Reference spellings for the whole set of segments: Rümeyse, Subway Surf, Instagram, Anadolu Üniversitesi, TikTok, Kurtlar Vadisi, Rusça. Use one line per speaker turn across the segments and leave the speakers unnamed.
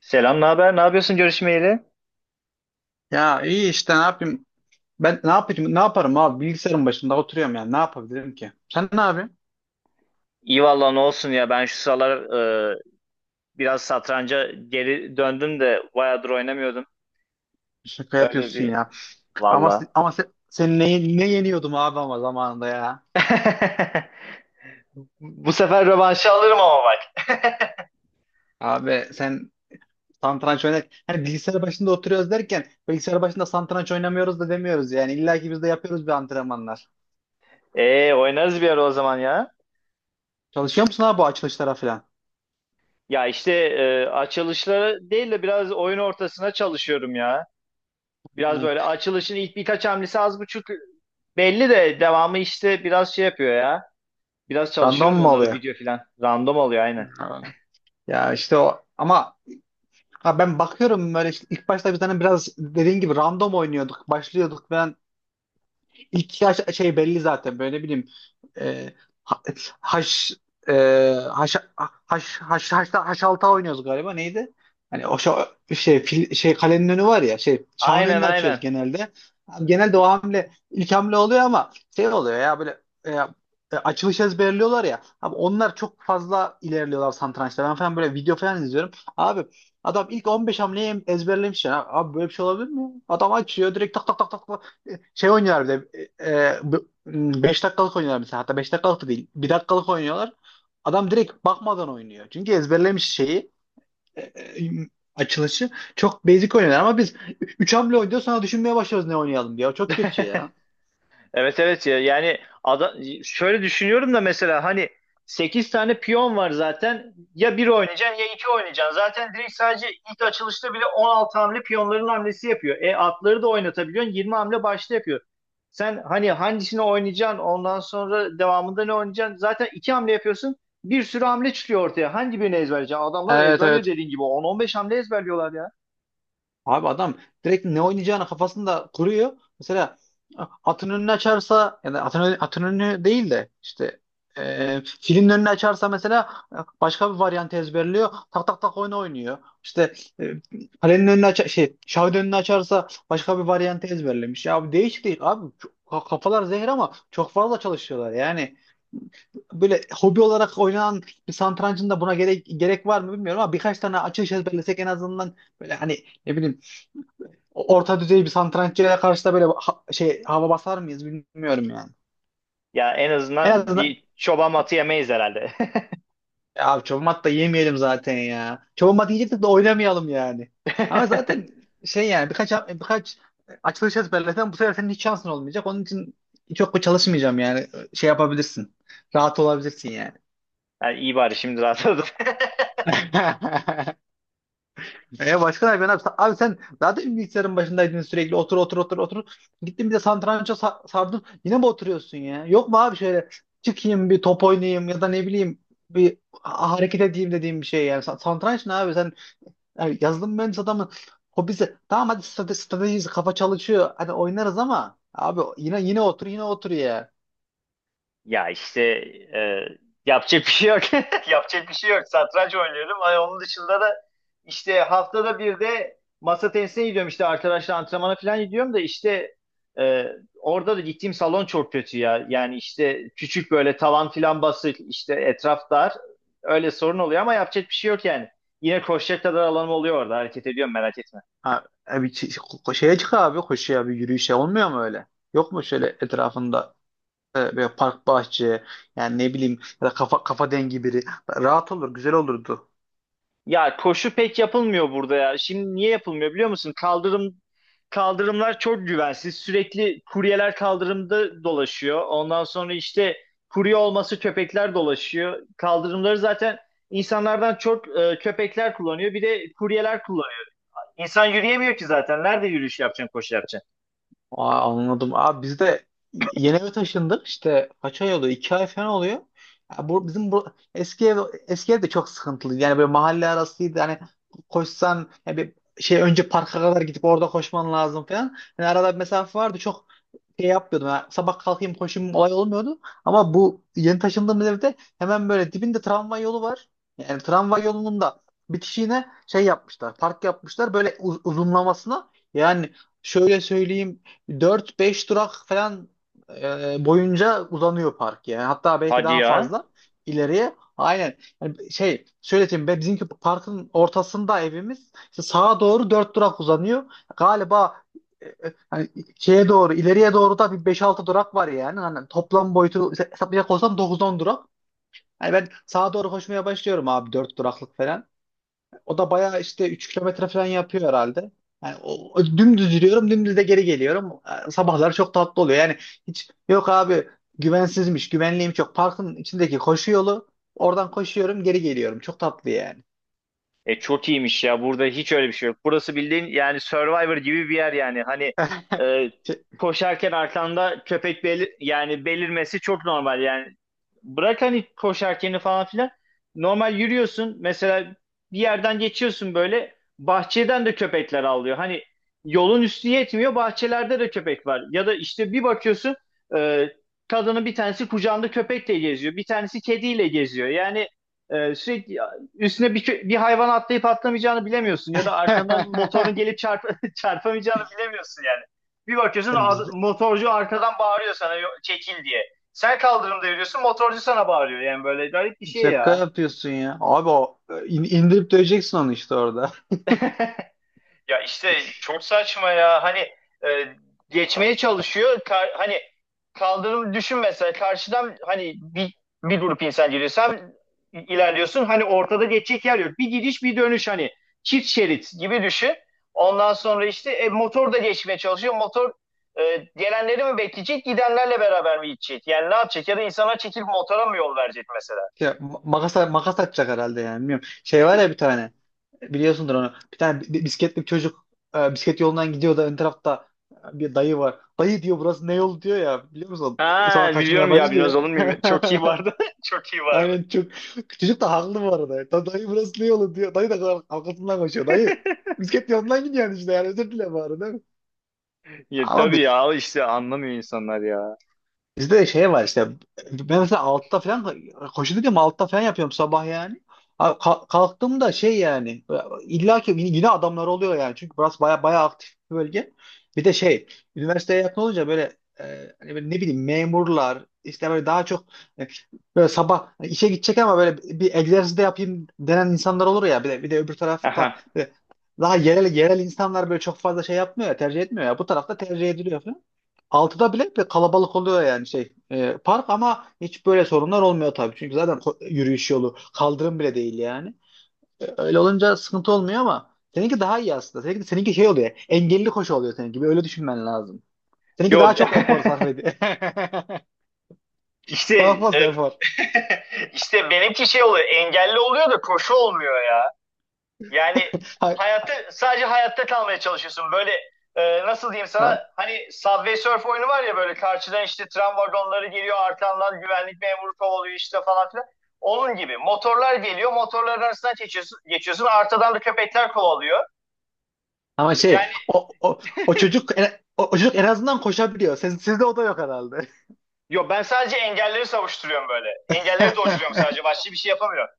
Selam, ne haber? Ne yapıyorsun görüşmeyeli?
Ya iyi işte ne yapayım? Ben ne yapayım? Ne yaparım abi? Bilgisayarın başında oturuyorum yani. Ne yapabilirim ki? Sen ne yapıyorsun?
İyi valla ne olsun ya ben şu sıralar e, biraz satranca geri döndüm de bayağıdır oynamıyordum.
Şaka
Öyle
yapıyorsun
bir
ya. Ama
valla.
ama sen ne yeniyordum abi ama zamanında ya.
Bu sefer rövanşı alırım ama bak.
Abi sen satranç oynar. Hani bilgisayar başında oturuyoruz derken bilgisayar başında satranç oynamıyoruz da demiyoruz yani. İlla ki biz de yapıyoruz bir antrenmanlar.
Oynarız bir ara o zaman ya.
Çalışıyor musun abi bu açılışlara falan?
Ya işte açılışları değil de biraz oyun ortasına çalışıyorum ya. Biraz
Hı.
böyle açılışın ilk birkaç hamlesi az buçuk belli de devamı işte biraz şey yapıyor ya. Biraz
Random
çalışıyorum
mu
onları
oluyor?
video filan. Random oluyor aynen.
Hı. Ya işte o ama ha, ben bakıyorum böyle işte ilk başta biz hani biraz dediğin gibi random oynuyorduk, başlıyorduk ve İlk yaş şey belli zaten böyle ne bileyim e, ha- haş e, haş haş haş haşta haş alta oynuyoruz galiba neydi? Hani o şey fil, şey kalenin önü var ya şey şahın
Aynen,
önünü açıyoruz
aynen.
genelde. Genelde o hamle ilk hamle oluyor ama şey oluyor ya böyle açılış ezberliyorlar ya. Abi onlar çok fazla ilerliyorlar satrançta. Ben falan böyle video falan izliyorum. Abi adam ilk 15 hamleyi ezberlemiş ya. Abi böyle bir şey olabilir mi? Adam açıyor direkt tak tak tak tak şey oynuyorlar bir de 5 dakikalık oynuyorlar mesela, hatta 5 dakikalık da değil bir dakikalık oynuyorlar. Adam direkt bakmadan oynuyor. Çünkü ezberlemiş şeyi e, e, açılışı. Çok basic oynuyorlar ama biz 3 hamle oynuyor sonra düşünmeye başlıyoruz ne oynayalım diye. O çok kötü ya.
Evet, evet, ya yani şöyle düşünüyorum da mesela hani 8 tane piyon var zaten, ya bir oynayacaksın ya 2 oynayacaksın. Zaten direkt sadece ilk açılışta bile 16 hamle piyonların hamlesi yapıyor. E atları da oynatabiliyorsun, 20 hamle başta yapıyor. Sen hani hangisini oynayacaksın, ondan sonra devamında ne oynayacaksın? Zaten 2 hamle yapıyorsun, bir sürü hamle çıkıyor ortaya. Hangi birini ezberleyeceksin? Adamlar
Evet,
ezberliyor
evet.
dediğin gibi, 10-15 hamle ezberliyorlar ya.
Abi adam direkt ne oynayacağını kafasında kuruyor. Mesela atın önünü açarsa, yani atın, atın önünü değil de işte filin önünü açarsa mesela başka bir varyant ezberliyor. Tak tak tak oyunu oynuyor. İşte e, kalenin önünü aç, şey şahın önünü açarsa başka bir varyant ezberlemiş. Ya bu değişik değil abi. Kafalar zehir ama çok fazla çalışıyorlar. Yani böyle hobi olarak oynanan bir satrancın da buna gerek, gerek var mı bilmiyorum ama birkaç tane açılış ezberlesek en azından böyle hani ne bileyim orta düzey bir santraçıya karşı da böyle şey hava basar mıyız bilmiyorum yani.
Ya en
En
azından
azından
bir çoban atı yemeyiz herhalde.
ya abi çoban da yemeyelim zaten ya. Çoban mat yiyecektik de oynamayalım yani. Ama zaten şey yani birkaç açılış ezberlesen bu sefer senin hiç şansın olmayacak. Onun için çok çalışmayacağım yani. Şey yapabilirsin. Rahat olabilirsin yani.
Yani iyi, bari şimdi rahatladım.
E, başka ne yapıyorsun abi? Abi sen zaten bilgisayarın başındaydın sürekli otur otur otur otur. Gittin bir de satranca sardın. Yine mi oturuyorsun ya? Yok mu abi şöyle çıkayım bir top oynayayım, ya da ne bileyim bir hareket edeyim dediğim bir şey yani. Satranç ne abi, sen yani yazılım mühendisi adamın hobisi. Tamam, hadi strateji, kafa çalışıyor. Hadi oynarız ama abi yine yine otur, yine otur ya.
Ya işte e, yapacak bir şey yok. Yapacak bir şey yok. Satranç oynuyorum. Ay, onun dışında da işte haftada bir de masa tenisine gidiyorum. İşte arkadaşlar antrenmana falan gidiyorum da işte e, orada da gittiğim salon çok kötü ya. Yani işte küçük böyle, tavan falan basık, işte etraf dar. Öyle sorun oluyor ama yapacak bir şey yok yani. Yine koşacak kadar alanım oluyor orada. Hareket ediyorum, merak etme.
Ha, abi şeye çık abi, koşuya, bir yürüyüşe olmuyor mu öyle? Yok mu şöyle etrafında böyle park bahçe, yani ne bileyim, ya da kafa dengi biri, rahat olur, güzel olurdu.
Ya koşu pek yapılmıyor burada ya. Şimdi niye yapılmıyor biliyor musun? Kaldırımlar çok güvensiz. Sürekli kuryeler kaldırımda dolaşıyor. Ondan sonra işte kurye olması, köpekler dolaşıyor. Kaldırımları zaten insanlardan çok köpekler kullanıyor. Bir de kuryeler kullanıyor. İnsan yürüyemiyor ki zaten. Nerede yürüyüş yapacaksın, koşu yapacaksın?
Aa, anladım. Abi biz de yeni eve taşındık, işte kaç ay oluyor? 2 ay falan oluyor. Ya bu, bizim bu eski ev eski ev de çok sıkıntılıydı. Yani böyle mahalle arasıydı. Hani koşsan yani bir şey, önce parka kadar gidip orada koşman lazım falan. Yani arada bir mesafe vardı. Çok şey yapmıyordum, ha, sabah kalkayım koşayım olay olmuyordu. Ama bu yeni taşındığımız evde hemen böyle dibinde tramvay yolu var. Yani tramvay yolunun da bitişiğine şey yapmışlar, park yapmışlar böyle uzunlamasına. Yani şöyle söyleyeyim, dört beş durak falan boyunca uzanıyor park yani. Hatta belki
Hadi
daha
ya.
fazla ileriye. Aynen. Yani şey söyleyeyim, be, bizimki parkın ortasında evimiz. İşte sağa doğru 4 durak uzanıyor. Galiba hani şeye doğru, ileriye doğru da bir beş-altı durak var yani. Hani toplam boyutu hesaplayacak olsam dokuz-on durak. Yani ben sağa doğru koşmaya başlıyorum abi, 4 duraklık falan. O da bayağı işte 3 kilometre falan yapıyor herhalde. Yani o dümdüz yürüyorum, dümdüz de geri geliyorum. Sabahlar çok tatlı oluyor. Yani hiç yok abi, güvensizmiş, güvenliğim çok. Parkın içindeki koşu yolu, oradan koşuyorum, geri geliyorum. Çok tatlı yani.
E, çok iyiymiş ya. Burada hiç öyle bir şey yok. Burası bildiğin yani Survivor gibi bir yer yani. Hani e,
Şey-
koşarken arkanda köpek belirmesi çok normal yani. Bırak hani koşarkeni falan filan. Normal yürüyorsun. Mesela bir yerden geçiyorsun böyle. Bahçeden de köpekler avlıyor. Hani yolun üstü yetmiyor, bahçelerde de köpek var. Ya da işte bir bakıyorsun, e, kadının bir tanesi kucağında köpekle geziyor, bir tanesi kediyle geziyor. Yani sürekli üstüne bir hayvan atlayıp atlamayacağını bilemiyorsun, ya da arkandan motorun gelip çarpamayacağını bilemiyorsun yani. Bir bakıyorsun, motorcu arkadan bağırıyor sana, çekil" diye. Sen kaldırımda yürüyorsun, motorcu sana bağırıyor yani, böyle garip bir şey
Şaka
ya.
yapıyorsun ya. Abi o indirip döveceksin onu işte orada.
Ya işte çok saçma ya. Hani e, geçmeye çalışıyor. Hani kaldırım düşün, mesela karşıdan hani bir grup insan geliyor. Sen ilerliyorsun. Hani ortada geçecek yer yok, bir gidiş bir dönüş, hani çift şerit gibi düşün. Ondan sonra işte motor da geçmeye çalışıyor. Motor gelenleri mi bekleyecek, gidenlerle beraber mi gidecek? Yani ne yapacak? Ya da insana çekilip motora mı yol verecek mesela?
Ya, makas, makas atacak herhalde yani, bilmiyorum. Şey var ya bir tane, biliyorsundur onu. Bir tane bisikletli bir çocuk bisiklet yolundan gidiyor da ön tarafta bir dayı var. Dayı diyor burası ne yol diyor ya, biliyor musun?
Ha,
Sonra kaçmaya
biliyorum ya, bilmez
başlıyor.
olur muyum? Çok iyi vardı. Çok iyi vardı.
Aynen, çok. Çocuk da haklı bu arada. Dayı burası ne yolu diyor. Dayı da arkasından koşuyor. Dayı bisiklet yolundan gidiyor yani, işte yani özür dile bari, değil mi?
Ya,
Ama
tabii ya, işte anlamıyor insanlar ya.
bizde de şey var işte. Ben mesela altta falan, koşu dedim altta falan yapıyorum sabah yani. Abi kalktığımda şey yani, illa ki yine yine adamlar oluyor yani, çünkü burası baya baya aktif bir bölge. Bir de şey, üniversiteye yakın olunca böyle, hani böyle ne bileyim memurlar işte böyle daha çok e, böyle sabah işe gidecek ama böyle bir egzersiz de yapayım denen insanlar olur ya, bir de öbür tarafta
Aha.
böyle daha yerel yerel insanlar böyle çok fazla şey yapmıyor ya, tercih etmiyor ya, bu tarafta tercih ediliyor falan. Altıda bile bir kalabalık oluyor yani şey park, ama hiç böyle sorunlar olmuyor tabii. Çünkü zaten yürüyüş yolu kaldırım bile değil yani. E, öyle olunca sıkıntı olmuyor ama seninki daha iyi aslında. Seninki şey oluyor, engelli koşu oluyor seninki. Bir öyle düşünmen lazım. Seninki
Yo.
daha çok efor sarf ediyor.
işte
Daha
e,
fazla efor.
işte benimki şey oluyor, engelli oluyor da koşu olmuyor ya. Yani
Ha-
hayatta, sadece hayatta kalmaya çalışıyorsun. Böyle nasıl diyeyim sana,
ha.
hani Subway Surf oyunu var ya, böyle karşıdan işte tren vagonları geliyor, arkandan güvenlik memuru kovalıyor işte falan filan. Onun gibi motorlar geliyor, motorların arasından geçiyorsun, geçiyorsun, arkadan da köpekler kovalıyor.
Ama şey
Yani.
o çocuk en, o çocuk en azından koşabiliyor. Sizde o da yok herhalde.
Yo, ben sadece engelleri savuşturuyorum böyle. Engelleri dolduruyorum sadece. Başka bir şey yapamıyorum.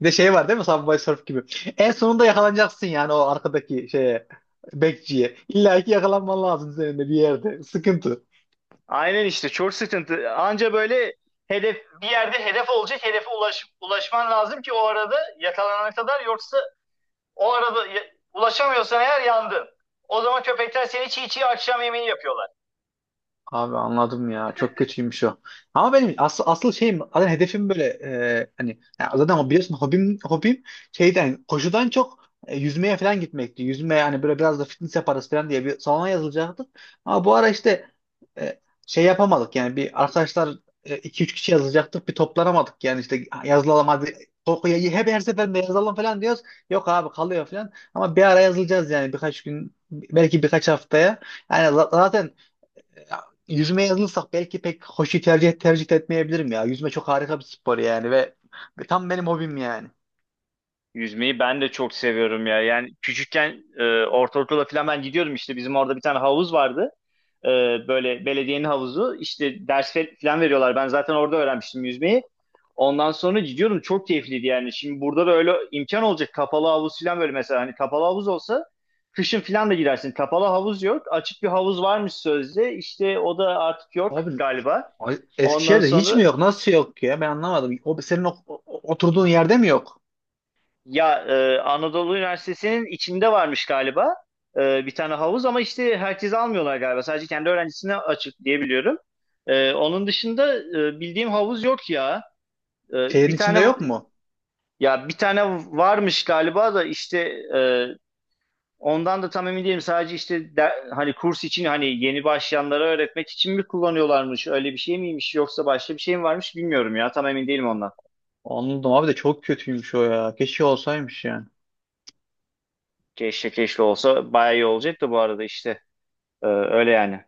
Bir de şey var değil mi? Subway Surf gibi. En sonunda yakalanacaksın yani o arkadaki şeye. Bekçiye. İlla ki yakalanman lazım senin de bir yerde. Sıkıntı.
Aynen, işte çok sıkıntı. Anca böyle hedef, bir yerde hedef olacak, hedefe ulaşman lazım ki o arada, yakalanana kadar, yoksa o arada ulaşamıyorsan eğer yandın. O zaman köpekler seni çiğ çiğ akşam yemeği yapıyorlar.
Abi anladım ya. Çok kötüymüş o. Ama benim asıl asıl şeyim, zaten hedefim böyle hani ya zaten o biliyorsun, hobim, hobim şeyden, koşudan çok yüzmeye falan gitmekti. Yüzmeye hani böyle biraz da fitness yaparız falan diye bir salona yazılacaktık. Ama bu ara işte e, şey yapamadık yani, bir arkadaşlar iki üç kişi yazılacaktık, bir toplanamadık yani, işte yazılalım hadi, korkuya hep her seferinde yazalım falan diyoruz. Yok abi, kalıyor falan. Ama bir ara yazılacağız yani, birkaç gün belki, birkaç haftaya. Yani zaten ya, yüzmeye yazılırsak belki pek hoşu tercih etmeyebilirim ya. Yüzme çok harika bir spor yani ve tam benim hobim yani.
Yüzmeyi ben de çok seviyorum ya. Yani küçükken ortaokula falan ben gidiyordum, işte bizim orada bir tane havuz vardı. Ee, Böyle belediyenin havuzu, işte ders falan veriyorlar. Ben zaten orada öğrenmiştim yüzmeyi. Ondan sonra gidiyorum, çok keyifliydi yani. Şimdi burada da öyle imkan olacak. Kapalı havuz falan, böyle mesela hani kapalı havuz olsa kışın falan da girersin. Kapalı havuz yok. Açık bir havuz varmış sözde. İşte o da artık yok
Abi
galiba. Ondan
Eskişehir'de hiç mi
sonra,
yok? Nasıl yok ya? Ben anlamadım. O, senin oturduğun yerde mi yok?
ya Anadolu Üniversitesi'nin içinde varmış galiba bir tane havuz, ama işte herkese almıyorlar galiba. Sadece kendi öğrencisine açık diye biliyorum. E, onun dışında bildiğim havuz yok ya. E,
Şehrin
bir tane,
içinde yok mu?
ya bir tane varmış galiba da, işte e, ondan da tam emin değilim. Sadece işte hani kurs için, hani yeni başlayanlara öğretmek için mi kullanıyorlarmış? Öyle bir şey miymiş, yoksa başka bir şey mi varmış bilmiyorum ya. Tam emin değilim ondan.
Anladım abi, de çok kötüymüş o ya. Keşke olsaymış yani.
Keşke, keşke olsa bayağı iyi olacak da, bu arada işte E, öyle yani.